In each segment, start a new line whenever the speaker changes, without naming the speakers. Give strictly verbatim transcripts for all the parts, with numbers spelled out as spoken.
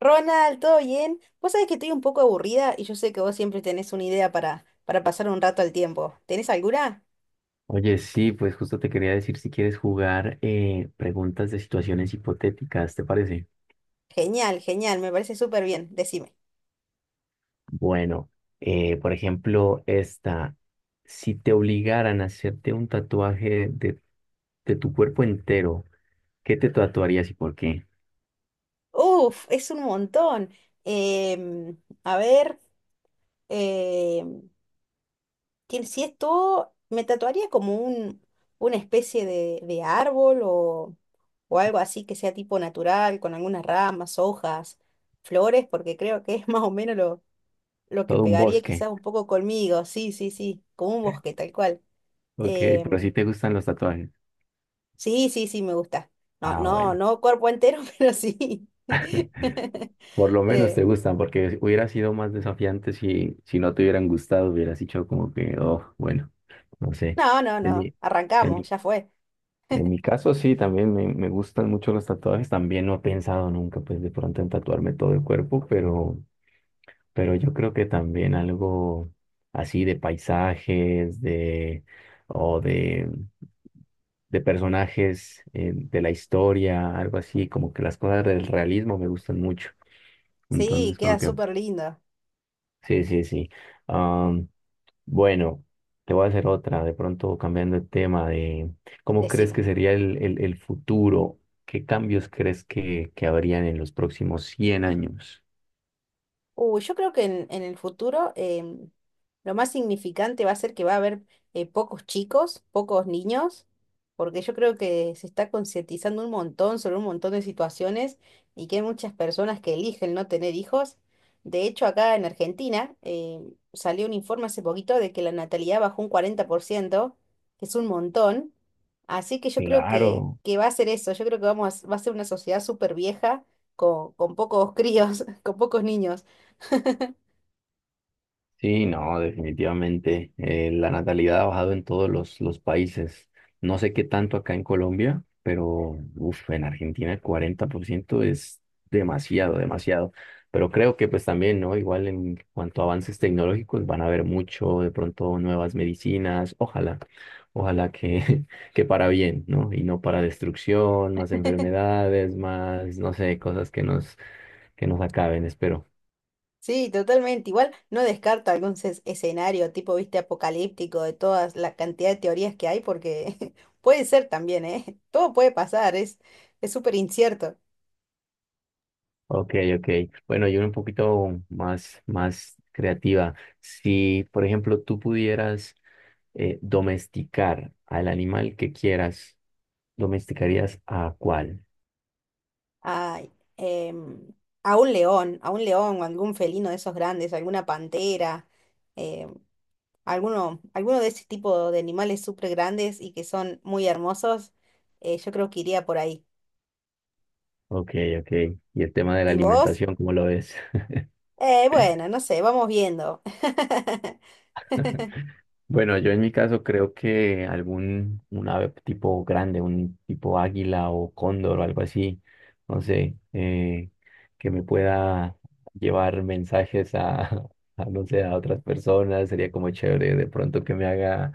Ronald, ¿todo bien? Vos sabés que estoy un poco aburrida y yo sé que vos siempre tenés una idea para, para pasar un rato al tiempo. ¿Tenés alguna?
Oye, sí, pues justo te quería decir si quieres jugar eh, preguntas de situaciones hipotéticas, ¿te parece?
Genial, genial, me parece súper bien, decime.
Bueno, eh, por ejemplo, esta, si te obligaran a hacerte un tatuaje de, de tu cuerpo entero, ¿qué te tatuarías y por qué?
Uf, es un montón. Em, a ver, em, tien- si esto me tatuaría como un, una especie de, de árbol o, o algo así que sea tipo natural, con algunas ramas, hojas, flores, porque creo que es más o menos lo lo que
Todo un
pegaría
bosque.
quizás un poco conmigo, sí, sí, sí, como un bosque, tal cual.
Ok, pero
Em,
si te gustan los tatuajes.
sí, sí, sí, me gusta. No,
Ah,
no,
bueno,
no cuerpo entero, pero sí.
por lo menos
Eh,
te gustan, porque hubiera sido más desafiante si, si no te hubieran gustado, hubieras dicho como que, oh, bueno, no sé.
no, no,
En
no,
mi, en
arrancamos,
mi
ya fue.
En mi caso, sí, también me, me gustan mucho los tatuajes. También no he pensado nunca, pues, de pronto en tatuarme todo el cuerpo, pero, pero yo creo que también algo así de paisajes, de, o de, de personajes eh, de la historia, algo así, como que las cosas del realismo me gustan mucho.
Sí,
Entonces,
queda
como que,
súper lindo,
sí, sí, sí. Bueno, te voy a hacer otra, de pronto cambiando el tema de cómo crees
decime.
que sería el, el- el futuro, qué cambios crees que, que habrían en los próximos cien años.
Uy, yo creo que en, en el futuro em, lo más significante va a ser que va a haber eh, pocos chicos, pocos niños, porque yo creo que se está concientizando un montón sobre un montón de situaciones y que hay muchas personas que eligen no tener hijos. De hecho, acá en Argentina em, salió un informe hace poquito de que la natalidad bajó un cuarenta por ciento, que es un montón. Así que yo creo que,
Claro.
que va a ser eso, yo creo que vamos a- va a ser una sociedad súper vieja con, con pocos críos, con pocos niños.
Sí, no, definitivamente. eh, la natalidad ha bajado en todos los, los países. No sé qué tanto acá en Colombia, pero uf, en Argentina el cuarenta por ciento es demasiado, demasiado. Pero creo que pues también, ¿no? Igual en cuanto a avances tecnológicos van a haber mucho, de pronto nuevas medicinas. Ojalá, ojalá que, que para bien, ¿no? Y no para destrucción, más enfermedades, más, no sé, cosas que nos, que nos acaben, espero.
Sí, totalmente. Igual no descarto algún ces- escenario tipo, viste, apocalíptico de todas la cantidad de teorías que hay, porque puede ser también, ¿eh? Todo puede pasar, es es súper incierto.
Ok, ok. Bueno, yo era un poquito más, más creativa. Si, por ejemplo, tú pudieras eh, domesticar al animal que quieras, ¿domesticarías a cuál?
Ay, em, a un león, a un león o algún felino de esos grandes, alguna pantera, em, alguno, alguno de ese tipo de animales súper grandes y que son muy hermosos, eh, yo creo que iría por ahí.
Ok, ok. Y el tema de la
¿Y vos?
alimentación, ¿cómo lo ves?
Eh, bueno, no sé, vamos viendo.
Bueno, yo en mi caso creo que algún un ave tipo grande, un tipo águila o cóndor o algo así, no sé, eh, que me pueda llevar mensajes a, a, no sé, a otras personas, sería como chévere de pronto que me haga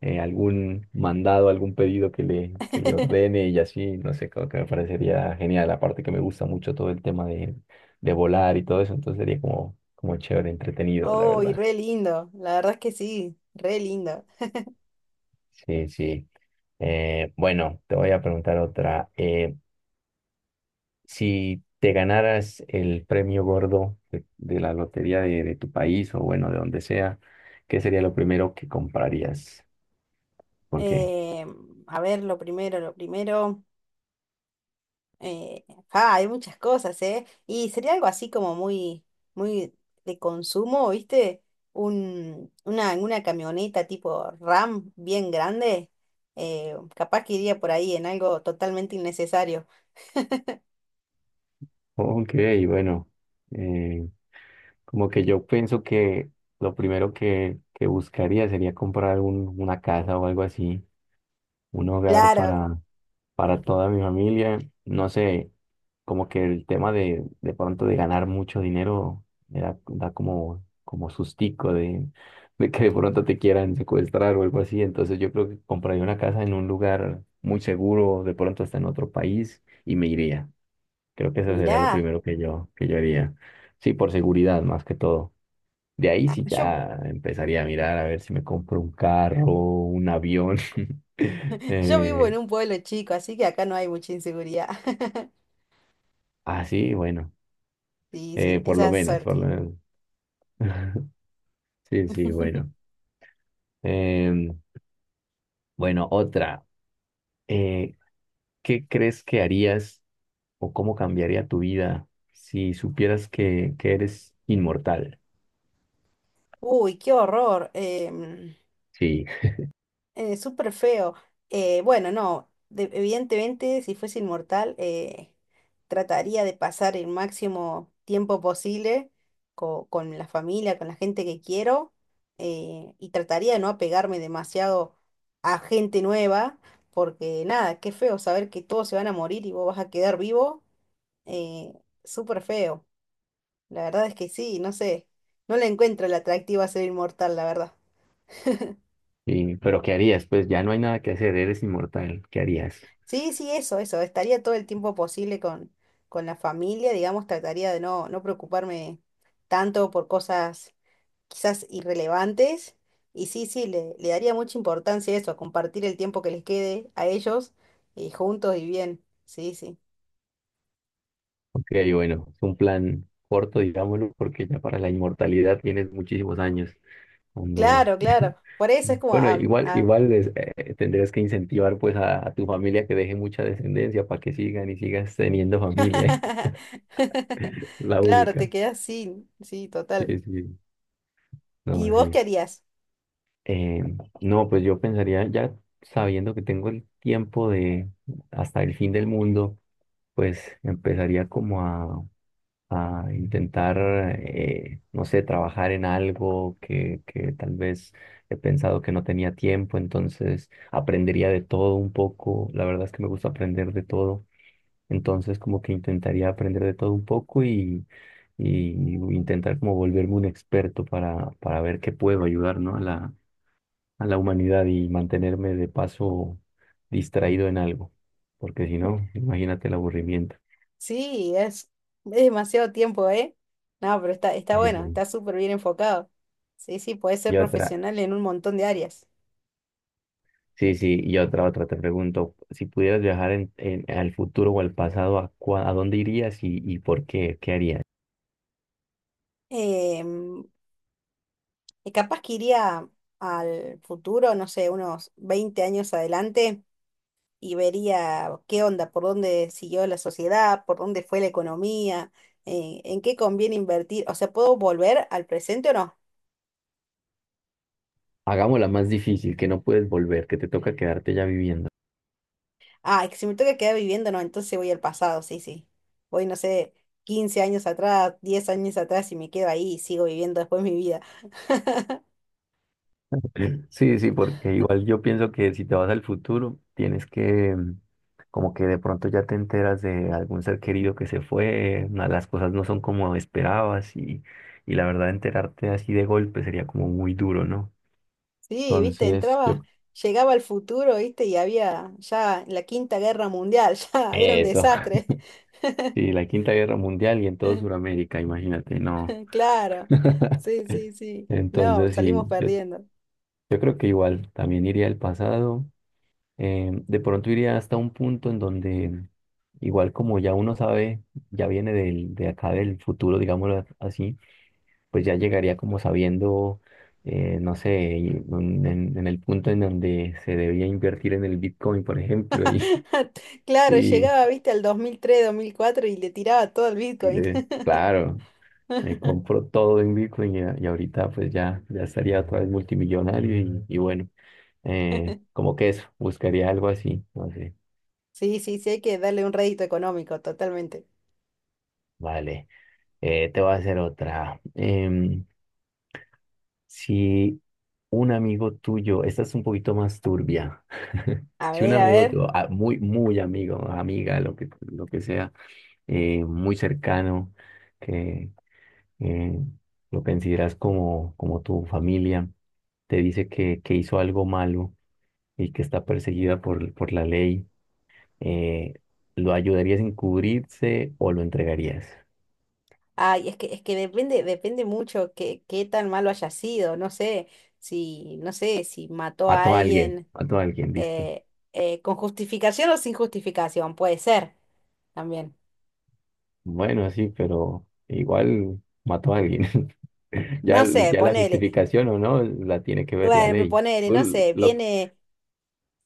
eh, algún mandado, algún pedido que le, que le ordene y así, no sé, creo que me parecería genial, aparte que me gusta mucho todo el tema de, de volar y todo eso, entonces sería como, como chévere, entretenido, la
Oh, y
verdad.
re lindo, la verdad es que sí, re lindo.
Sí, sí. Eh, bueno, te voy a preguntar otra. Eh, si te ganaras el premio gordo de, de la lotería de, de tu país o bueno, de donde sea, ¿qué sería lo primero que comprarías? ¿Por qué?
Eh, a ver, lo primero, lo primero. eh, ah, hay muchas cosas, ¿eh? Y sería algo así como muy, muy de consumo, ¿viste? Un, una, una camioneta tipo RAM bien grande. Eh, capaz que iría por ahí en algo totalmente innecesario.
Ok, bueno, eh, como que yo pienso que lo primero que, que buscaría sería comprar un- una casa o algo así, un hogar
Claro,
para, para toda mi familia. No sé, como que el tema de de pronto de ganar mucho dinero me da, da como, como sustico de, de que de pronto te quieran secuestrar o algo así. Entonces yo creo que compraría una casa en un lugar muy seguro, de pronto hasta en otro país y me iría. Creo que eso sería lo
mirá,
primero que yo, que yo haría. Sí, por seguridad más que todo. De ahí
ah,
sí
yo,
ya empezaría a mirar a ver si me compro un carro, un avión.
yo vivo en
eh,
un pueblo chico, así que acá no hay mucha inseguridad.
así, bueno.
Sí, sí,
Eh, por lo
esa es
menos,
suerte.
por lo menos. Sí, sí, bueno. Em, bueno, otra. Eh, ¿qué crees que harías o cómo cambiaría tu vida si supieras que, que eres inmortal?
Uy, qué horror. em,
Sí,
eh, súper feo. Eh, bueno, no, de- evidentemente si fuese inmortal, eh, trataría de pasar el máximo tiempo posible co- con la familia, con la gente que quiero, eh, y trataría de no apegarme demasiado a gente nueva, porque nada, qué feo saber que todos se van a morir y vos vas a quedar vivo. eh, Súper feo. La verdad es que sí, no sé, no le encuentro el atractivo a ser inmortal, la verdad.
sí, pero ¿qué harías? Pues ya no hay nada que hacer, eres inmortal. ¿Qué harías?
Sí, sí, eso, eso. Estaría todo el tiempo posible con, con la familia, digamos, trataría de no, no preocuparme tanto por cosas quizás irrelevantes. Y sí, sí, le, le daría mucha importancia a eso, a compartir el tiempo que les quede a ellos y juntos y bien. Sí, sí.
Ok, bueno, es un plan corto, digámoslo, porque ya para la inmortalidad tienes muchísimos años. Cuando
Claro, claro. Por eso es como...
bueno,
ah,
igual,
ah.
igual es, eh, tendrías que incentivar pues a, a tu familia que deje mucha descendencia para que sigan y sigas teniendo familia, la
Claro, te
única.
quedas sin. Sí, total.
Sí, sí,
¿Y
no,
vos
sí.
qué harías?
Eh, no, pues yo pensaría ya sabiendo que tengo el tiempo de hasta el fin del mundo, pues empezaría como a a intentar, eh, no sé, trabajar en algo que, que tal vez he pensado que no tenía tiempo, entonces aprendería de todo un poco. La verdad es que me gusta aprender de todo, entonces como que intentaría aprender de todo un poco y, y intentar como volverme un experto para, para ver qué puedo ayudar, ¿no? a la, a la humanidad y mantenerme de paso distraído en algo, porque si no, imagínate el aburrimiento.
Sí, es, es demasiado tiempo, ¿eh? No, pero está, está
Eh,
bueno, está súper bien enfocado. Sí, sí, puedes ser
y otra,
profesional en un montón de áreas.
sí, sí, y otra, otra, te pregunto, si pudieras viajar en, en- al futuro o al pasado, ¿a, cua- a dónde irías y, y por qué? ¿Qué harías?
Em, y capaz que iría al futuro, no sé, unos veinte años adelante y vería qué onda, por dónde siguió la sociedad, por dónde fue la economía, eh, en qué conviene invertir. O sea, ¿puedo volver al presente o no?
Hagámosla más difícil, que no puedes volver, que te toca quedarte ya viviendo.
Ah, es que si me toca quedar viviendo, no, entonces voy al pasado, sí, sí. Voy, no sé, quince años atrás, diez años atrás y me quedo ahí y sigo viviendo después mi vida.
Sí, sí, porque igual yo pienso que si te vas al futuro, tienes que, mm, como que de pronto ya te enteras de algún ser querido que se fue, na- las cosas no son como esperabas y, y la verdad enterarte así de golpe sería como muy duro, ¿no?
Sí, viste,
Entonces, yo...
entraba, llegaba al futuro, viste, y había ya la Quinta Guerra Mundial, ya era un
Eso.
desastre.
Sí, la Quinta Guerra Mundial y en todo Sudamérica, imagínate, no.
Claro, sí, sí, sí. No,
Entonces, sí,
salimos
yo,
perdiendo.
yo creo que igual también iría al pasado. Eh, de pronto iría hasta un punto en donde, igual como ya uno sabe, ya viene del, de acá del futuro, digámoslo así, pues ya llegaría como sabiendo, eh, no sé, y un- en, en el punto en donde se debía invertir en el Bitcoin, por ejemplo, y,
Claro,
y,
llegaba, viste, al dos dos mil tres, dos mil cuatro y le tiraba todo el
y
Bitcoin.
le- claro. Me compro todo en Bitcoin y, a- y ahorita pues ya, ya estaría otra vez multimillonario y, y bueno, eh, como que eso, buscaría algo así, no sé.
Sí, sí, sí, hay que darle un rédito económico, totalmente.
Vale, eh, te voy a hacer otra. Em, si un amigo tuyo, esta es un poquito más turbia,
A
si un
ver, a
amigo
ver.
tuyo, ah, muy, muy amigo, amiga, lo que, lo que sea, eh, muy cercano, que eh, lo consideras como, como tu familia, te dice que, que hizo algo malo y que está perseguida por, por la ley, eh, ¿lo ayudarías a encubrirse o lo entregarías?
Ay, es que, es que depende, depende mucho que qué tan malo haya sido. No sé si, no sé, si mató a
Mató a alguien,
alguien
mató a alguien, listo.
eh, eh, con justificación o sin justificación, puede ser también.
Bueno, sí, pero igual mató a alguien. Ya,
No sé,
ya la
ponele.
justificación o no la tiene que ver la
Bueno, pero
ley.
ponele, no
Tú
sé,
lo-
viene,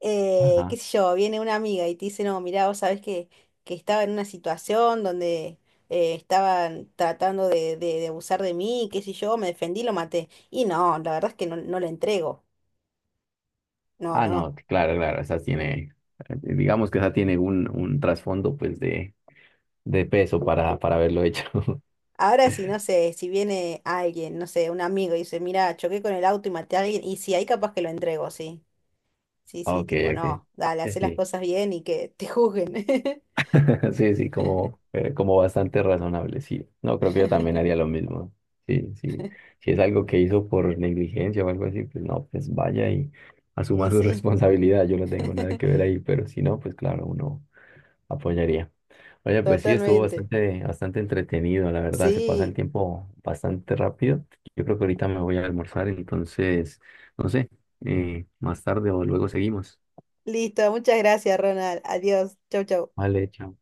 eh, qué
ajá.
sé yo, viene una amiga y te dice, no, mirá, vos sabés que, que estaba en una situación donde eh, estaban tratando de, de, de abusar de mí, qué sé yo, me defendí, lo maté. Y no, la verdad es que no, no le entrego. No,
Ah,
no.
no, claro, claro, esa tiene, digamos que esa tiene un, un trasfondo pues de, de peso para, para haberlo hecho.
Ahora sí, no sé, si viene alguien, no sé, un amigo y dice, mira, choqué con el auto y maté a alguien, y si hay capaz que lo entrego, sí. Sí, sí,
Ok,
tipo,
ok.
no, dale,
Sí,
hacé las
sí.
cosas bien y que te juzguen.
Sí, sí, como, eh, como bastante razonable, sí. No, creo que yo también haría lo mismo. Sí, sí. Si es algo que hizo por negligencia o algo así, pues no, pues vaya y asuma
Y
su
sí,
responsabilidad. Yo no tengo nada que ver ahí, pero si no, pues claro, uno apoyaría. Oye, pues sí, estuvo
totalmente.
bastante, bastante entretenido, la verdad, se pasa el
Sí.
tiempo bastante rápido. Yo creo que ahorita me voy a almorzar, entonces, no sé, eh, más tarde o luego seguimos.
Listo, muchas gracias, Ronald. Adiós. Chau, chau.
Vale, chao.